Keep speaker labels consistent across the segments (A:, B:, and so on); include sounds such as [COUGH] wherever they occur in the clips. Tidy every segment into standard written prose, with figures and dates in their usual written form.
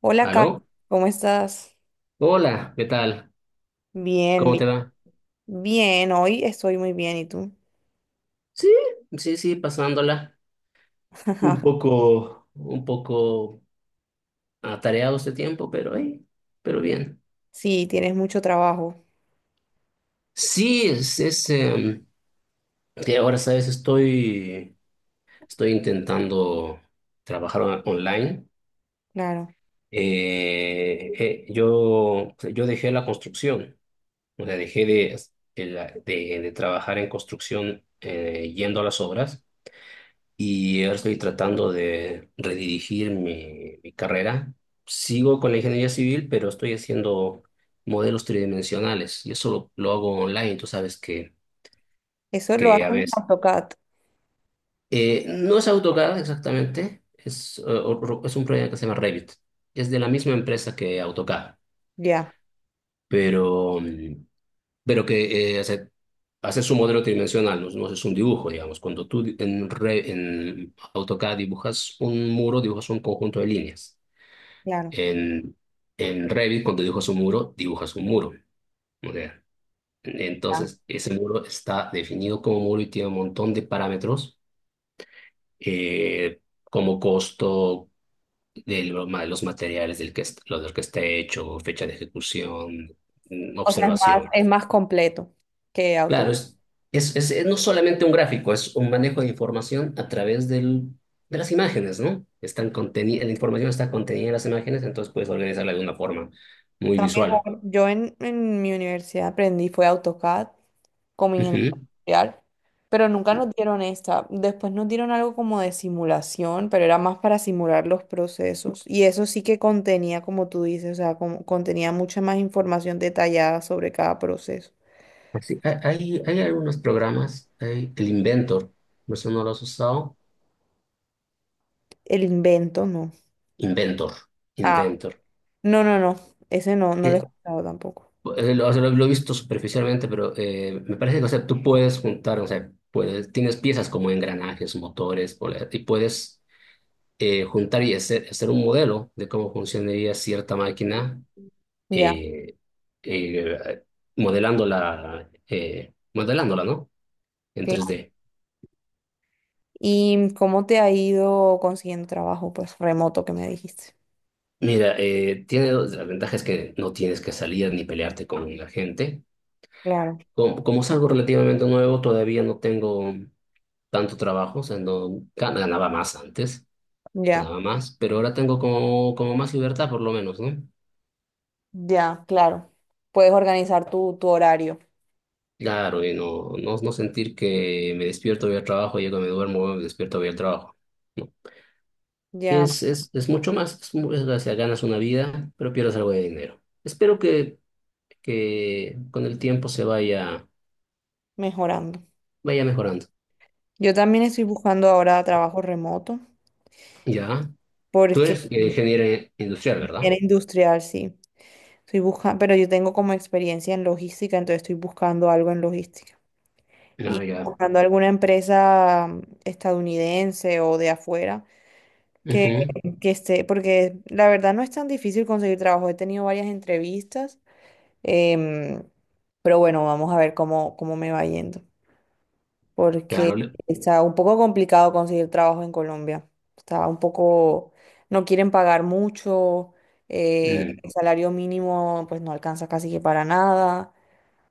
A: Hola, Carlos,
B: ¿Aló?
A: ¿cómo estás?
B: Hola, ¿qué tal?
A: Bien,
B: ¿Cómo
A: bien,
B: te va?
A: bien, hoy estoy muy bien, ¿y tú?
B: Sí, sí, sí, pasándola. Un poco atareado este tiempo, pero bien.
A: Sí, tienes mucho trabajo,
B: Sí, es que ahora, ¿sabes? Estoy intentando trabajar online.
A: claro.
B: Yo dejé la construcción, o sea, dejé de trabajar en construcción yendo a las obras y ahora estoy tratando de redirigir mi carrera. Sigo con la ingeniería civil, pero estoy haciendo modelos tridimensionales y eso lo hago online. Tú sabes
A: Eso lo
B: que
A: haces
B: a
A: en
B: veces
A: AutoCAD,
B: no es AutoCAD exactamente, es, es un proyecto que se llama Revit. Es de la misma empresa que AutoCAD,
A: ya,
B: pero, pero que hace su modelo tridimensional, no, no es un dibujo, digamos. Cuando tú di- en, Re- en AutoCAD dibujas un muro, dibujas un conjunto de líneas.
A: claro.
B: En, en Revit, cuando dibujas un muro, dibujas un muro. O sea,
A: Ya.
B: entonces, ese muro está definido como muro y tiene un montón de parámetros, como costo de los materiales del que, lo del que está hecho, fecha de ejecución,
A: O sea, es más, es
B: observaciones.
A: más completo que AutoCAD.
B: Claro, es no solamente un gráfico, es un manejo de información a través de las imágenes, ¿no? La información está contenida en las imágenes, entonces puedes organizarla de una forma muy
A: Está
B: visual.
A: mejor. Yo en mi universidad aprendí fue AutoCAD como ingeniero
B: Ujú.
A: industrial, pero nunca nos dieron esta. Después nos dieron algo como de simulación, pero era más para simular los procesos. Y eso sí que contenía, como tú dices, o sea, contenía mucha más información detallada sobre cada proceso.
B: Pues sí, hay, hay algunos programas, hay el Inventor, no sé, no lo has usado.
A: El invento, no.
B: Inventor,
A: Ah,
B: Inventor.
A: no, no, no. Ese no, no lo he
B: Eh,
A: escuchado tampoco.
B: lo, o sea, lo- Lo he visto superficialmente, pero me parece que, o sea, tú puedes juntar, o sea, puedes, tienes piezas como engranajes, motores, y puedes juntar y hacer un modelo de cómo funcionaría cierta máquina,
A: Ya,
B: eh, eh, modelándola, modelándola, ¿no? En tres
A: claro.
B: d.
A: ¿Y cómo te ha ido consiguiendo trabajo, pues, remoto que me dijiste?
B: Mira, tiene dos las ventajas que no tienes que salir ni pelearte con la gente.
A: Claro,
B: Como es algo relativamente nuevo, todavía no tengo tanto trabajo, o sea, no ganaba más antes,
A: ya,
B: ganaba más, pero ahora tengo como, como más libertad por lo menos, ¿no?
A: ya, claro. Puedes organizar tu horario.
B: Claro, y no sentir que me despierto, voy al trabajo, llego, me duermo, me despierto, voy al trabajo. No. Que
A: Ya.
B: es mucho más, o sea, ganas una vida, pero pierdes algo de dinero. Espero que con el tiempo
A: Mejorando.
B: vaya mejorando.
A: Yo también estoy buscando ahora trabajo remoto
B: Ya, tú
A: porque
B: eres ingeniero industrial, ¿verdad?
A: era industrial, sí. Estoy buscando, pero yo tengo como experiencia en logística, entonces estoy buscando algo en logística. Y
B: Ah, ya.
A: buscando alguna empresa estadounidense o de afuera que,
B: Ujú.
A: que esté, porque la verdad no es tan difícil conseguir trabajo. He tenido varias entrevistas, em, pero bueno, vamos a ver cómo, cómo me va yendo. Porque
B: Claro.
A: está un poco complicado conseguir trabajo en Colombia. Está un poco, no quieren pagar mucho,
B: Mm.
A: el salario mínimo pues no alcanza casi que para nada.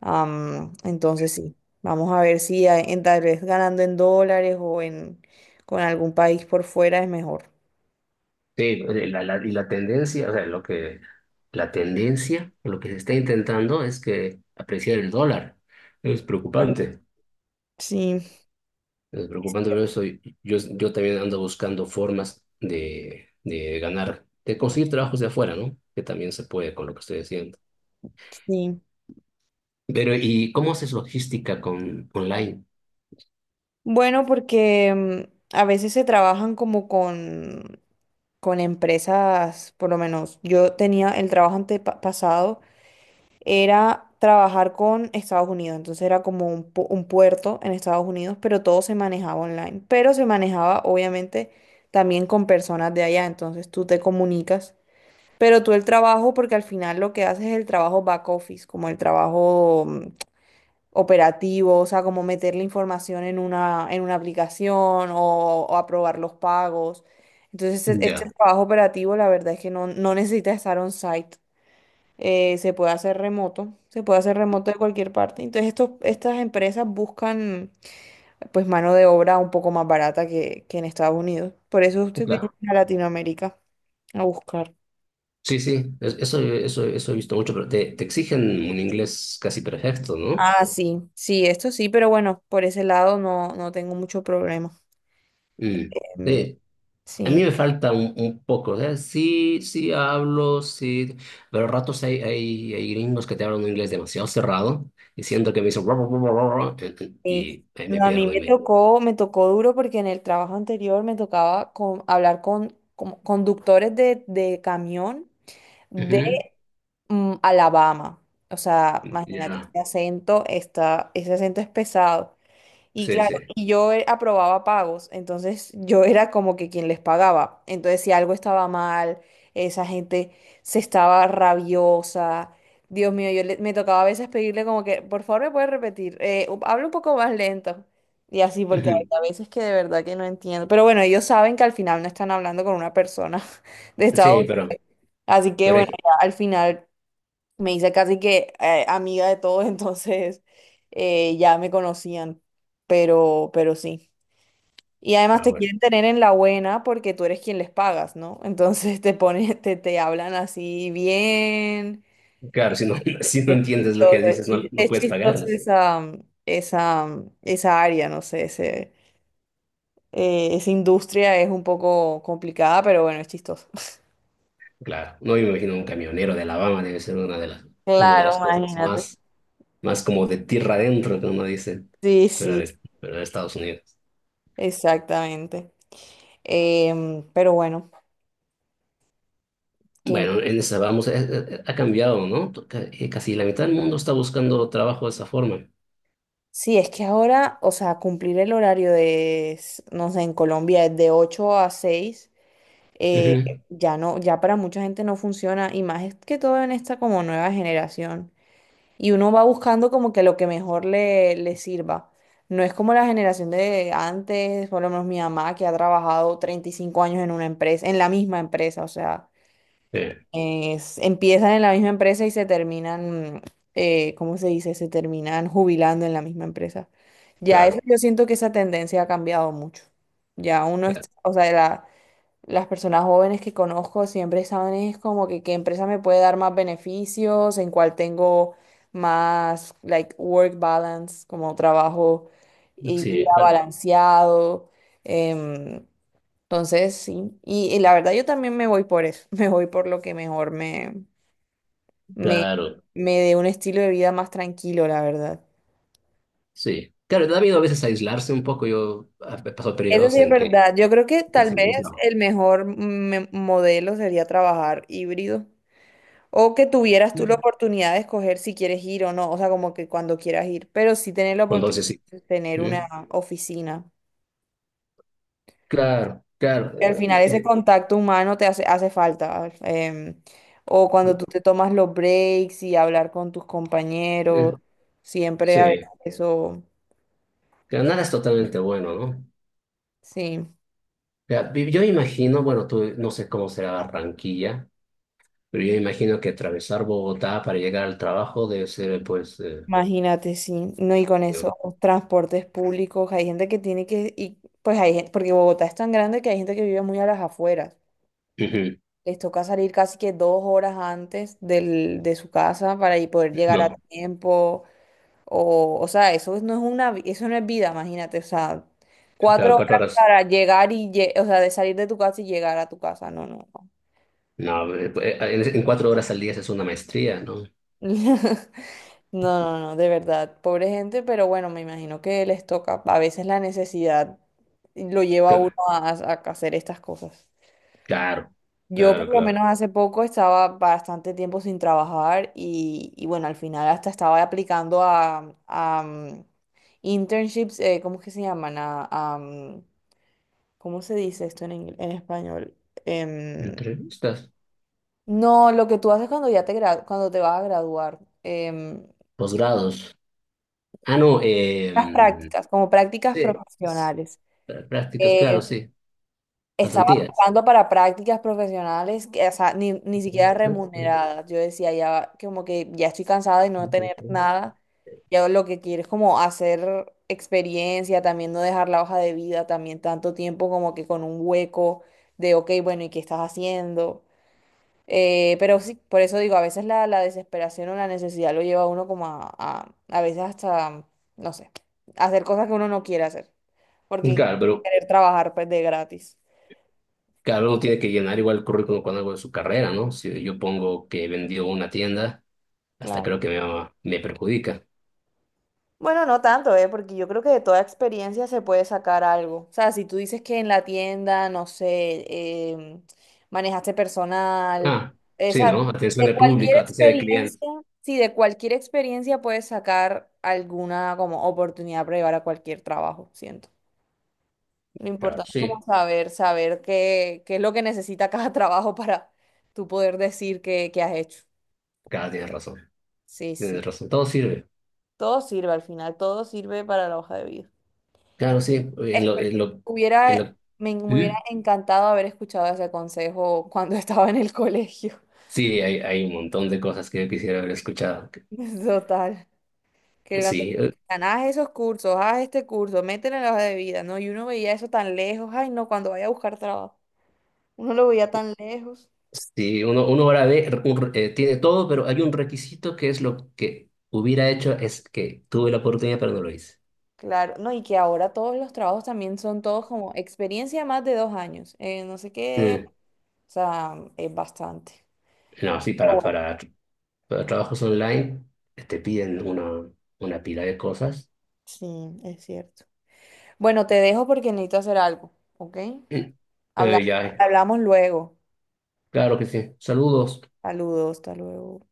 A: Entonces sí, vamos a ver si tal vez ganando en dólares o en con algún país por fuera es mejor.
B: Sí, y la tendencia, o sea, lo que, la tendencia, lo que se está intentando es que apreciar el dólar. Es
A: Claro.
B: preocupante.
A: Sí,
B: Es preocupante, pero eso, yo también ando buscando formas de ganar, de conseguir trabajos de afuera, ¿no? Que también se puede con lo que estoy haciendo.
A: sí.
B: Pero, ¿y cómo haces logística con online?
A: Bueno, porque a veces se trabajan con empresas, por lo menos yo tenía el trabajo antepasado era trabajar con Estados Unidos. Entonces era como un puerto en Estados Unidos, pero todo se manejaba online. Pero se manejaba obviamente también con personas de allá. Entonces tú te comunicas. Pero tú el trabajo, porque al final lo que haces es el trabajo back office, como el trabajo operativo, o sea, como meter la información en una aplicación o aprobar los pagos. Entonces, este
B: Ya.
A: trabajo operativo, la verdad es que no, no necesita estar on-site, se puede hacer remoto, se puede hacer remoto de cualquier parte. Entonces, estas empresas buscan pues mano de obra un poco más barata que en Estados Unidos. Por eso usted viene a Latinoamérica a buscar.
B: Sí, sí, eso he visto mucho, pero te exigen un inglés casi perfecto, ¿no?
A: Ah, sí, sí, esto sí, pero bueno, por ese lado no, no tengo mucho problema.
B: Mm.
A: Mm,
B: Sí, a
A: sí,
B: mí me falta un poco, o sea, sí, sí hablo, sí, pero a ratos hay gringos que te hablan un inglés demasiado cerrado, diciendo que me dicen "Ruah, ruah, ruah, ruah",
A: sí.
B: y ahí me
A: No, a mí
B: pierdo y me...
A: me tocó duro porque en el trabajo anterior me tocaba con, hablar con conductores de camión de
B: Ujú.
A: Alabama. O sea, imagínate,
B: Ya,
A: ese acento está, ese acento es pesado. Y
B: sí,
A: claro,
B: sí.
A: y yo aprobaba pagos, entonces yo era como que quien les pagaba. Entonces, si algo estaba mal, esa gente se estaba rabiosa. Dios mío, me tocaba a veces pedirle como que, por favor, me puedes repetir, habla un poco más lento. Y así, porque hay
B: Ujú.
A: a veces que de verdad que no entiendo. Pero bueno, ellos saben que al final no están hablando con una persona [LAUGHS] de Estados
B: Sí,
A: Unidos.
B: pero,
A: Así que
B: pero
A: bueno,
B: hay-
A: ya al final me hice casi que amiga de todos, [LAUGHS] entonces ya me conocían, pero sí. Y además
B: ah,
A: te
B: bueno,
A: quieren tener en la buena porque tú eres quien les pagas, ¿no? [LAUGHS] Entonces te pones, te hablan así bien.
B: claro, si no, [LAUGHS] si no
A: Es
B: entiendes lo que
A: chistoso,
B: dices, no, no
A: es
B: puedes
A: chistoso
B: pagarles.
A: esa, esa, esa área, no sé, ese, esa industria es un poco complicada, pero bueno, es chistoso. [LAUGHS]
B: Claro, no, yo me imagino un camionero de Alabama debe ser una de
A: Claro,
B: las cosas
A: imagínate.
B: más, más como de tierra adentro que uno dice,
A: Sí,
B: pero
A: sí,
B: pero de Estados Unidos.
A: exactamente. Pero bueno. ¿Qué?
B: Bueno, en esa vamos, ha cambiado, ¿no? Casi la mitad del mundo está buscando trabajo de esa forma.
A: Sí, es que ahora, o sea, cumplir el horario no sé, en Colombia es de 8 a 6, eh,
B: Ujú.
A: ya no, ya para mucha gente no funciona, y más es que todo en esta como nueva generación. Y uno va buscando como que lo que mejor le, le sirva. No es como la generación de antes, por lo menos mi mamá, que ha trabajado 35 años en una empresa, en la misma empresa, o sea,
B: Sí,
A: empiezan en la misma empresa y se terminan, ¿cómo se dice? Se terminan jubilando en la misma empresa. Ya eso,
B: claro,
A: yo siento que esa tendencia ha cambiado mucho. Ya uno es,
B: claro.
A: o sea, las personas jóvenes que conozco siempre saben es como que qué empresa me puede dar más beneficios, en cuál tengo más, like, work balance, como trabajo y
B: Sí,
A: vida
B: vale,
A: balanceado. em, entonces, sí, y la verdad yo también me voy por eso, [LAUGHS] me voy por lo que mejor me,
B: claro,
A: me dé un estilo de vida más tranquilo, la verdad.
B: sí. Claro, da miedo a veces aislarse un poco. Yo he pasado
A: Eso
B: periodos
A: sí es
B: en
A: verdad, yo creo que
B: que
A: tal
B: se me ha
A: vez
B: aislado.
A: el mejor modelo sería trabajar híbrido o que tuvieras tú la
B: Sí.
A: oportunidad de escoger si quieres ir o no, o sea, como que cuando quieras ir, pero sí tener la
B: Entonces
A: oportunidad
B: sí.
A: de tener una
B: ¿Mm?
A: oficina.
B: Claro, claro.
A: Que al final ese
B: eh,
A: contacto humano te hace, hace falta. O cuando
B: eh,
A: tú te tomas los breaks y hablar con tus compañeros,
B: eh,
A: siempre a veces
B: sí,
A: eso,
B: que nada es totalmente bueno, ¿no? O
A: sí,
B: sea, yo imagino, bueno, tú no sé cómo será Barranquilla, pero yo imagino que atravesar Bogotá para llegar al trabajo debe ser, pues,
A: imagínate, sí. No, y con
B: eh,
A: esos transportes públicos, hay gente que tiene que, y pues hay gente, porque Bogotá es tan grande que hay gente que vive muy a las afueras.
B: ujú,
A: Les toca salir casi que 2 horas antes del, de su casa para ahí poder llegar a
B: no,
A: tiempo. O sea, eso no es una, eso no es vida, imagínate. O sea,
B: cada
A: cuatro
B: cuatro
A: horas
B: horas,
A: para llegar o sea, de salir de tu casa y llegar a tu casa. No, no, no.
B: no, pues, en cuatro horas al día es una maestría, ¿no?
A: [LAUGHS] No, no, no, de verdad. Pobre gente, pero bueno, me imagino que les toca. A veces la necesidad lo lleva a uno a hacer estas cosas.
B: Claro,
A: Yo por
B: claro,
A: lo
B: claro.
A: menos hace poco estaba bastante tiempo sin trabajar y bueno, al final hasta estaba aplicando a internships, ¿cómo es que se llaman? A, ¿cómo se dice esto en, en español? Em,
B: Entrevistas,
A: no, lo que tú haces cuando ya cuando te vas a graduar,
B: posgrados. Ah, no,
A: las prácticas, como prácticas
B: sí,
A: profesionales.
B: prácticas, claro,
A: Eh,
B: sí,
A: Estaba
B: pasantías.
A: aplicando para prácticas profesionales, que, o sea, ni, ni siquiera remuneradas. Yo decía, ya como que ya estoy cansada de no tener nada. Ya lo que quiero es como hacer experiencia, también no dejar la hoja de vida, también tanto tiempo como que con un hueco de, ok, bueno, ¿y qué estás haciendo? Pero sí, por eso digo, a veces la desesperación o la necesidad lo lleva a uno como a veces hasta, no sé, hacer cosas que uno no quiere hacer, porque
B: Claro, pero
A: querer trabajar pues de gratis.
B: cada uno tiene que llenar igual el currículum con algo de su carrera, ¿no? Si yo pongo que he vendido una tienda, hasta
A: Claro.
B: creo que me perjudica.
A: Bueno, no tanto, ¿eh? Porque yo creo que de toda experiencia se puede sacar algo. O sea, si tú dices que en la tienda, no sé, em, manejaste personal,
B: Ah, sí,
A: esa,
B: ¿no? Atención
A: de
B: al
A: cualquier
B: público, atención al cliente.
A: experiencia, sí, de cualquier experiencia puedes sacar alguna como oportunidad para llevar a cualquier trabajo, siento. Lo
B: Claro,
A: importante es como
B: sí,
A: saber, saber qué, qué es lo que necesita cada [LAUGHS] trabajo para tú poder decir que, has hecho.
B: cada tiene razón.
A: Sí, sí.
B: Tienes razón, todo sirve.
A: Todo sirve al final, todo sirve para la hoja de vida.
B: Claro, sí.
A: Espe-
B: En
A: Hubiera,
B: lo-
A: Me, me hubiera
B: Sí,
A: encantado haber escuchado ese consejo cuando [LAUGHS] estaba en el colegio.
B: sí, hay un montón de cosas que yo quisiera haber escuchado.
A: [LAUGHS] Total. Que cuando te
B: Sí,
A: decían, haz esos cursos, haz este curso, métele en la hoja de vida, ¿no? Y uno veía eso tan lejos. Ay, no, cuando vaya a buscar trabajo. Uno lo veía tan lejos.
B: sí, uno ahora ve, tiene todo, pero hay un requisito que es lo que hubiera hecho, es que tuve la oportunidad, pero no lo hice.
A: Claro, no, y que ahora todos los trabajos también son todos como experiencia más de 2 años, no sé qué,
B: Mm.
A: o sea, es bastante.
B: No, sí,
A: Pero bueno,
B: para trabajos online te piden una pila de cosas.
A: sí, es cierto. Bueno, te dejo porque necesito hacer algo, ¿ok?
B: [CLEARS THROAT]
A: Habla-
B: Ya,
A: Hablamos luego.
B: claro que sí. Saludos.
A: Saludos, hasta luego.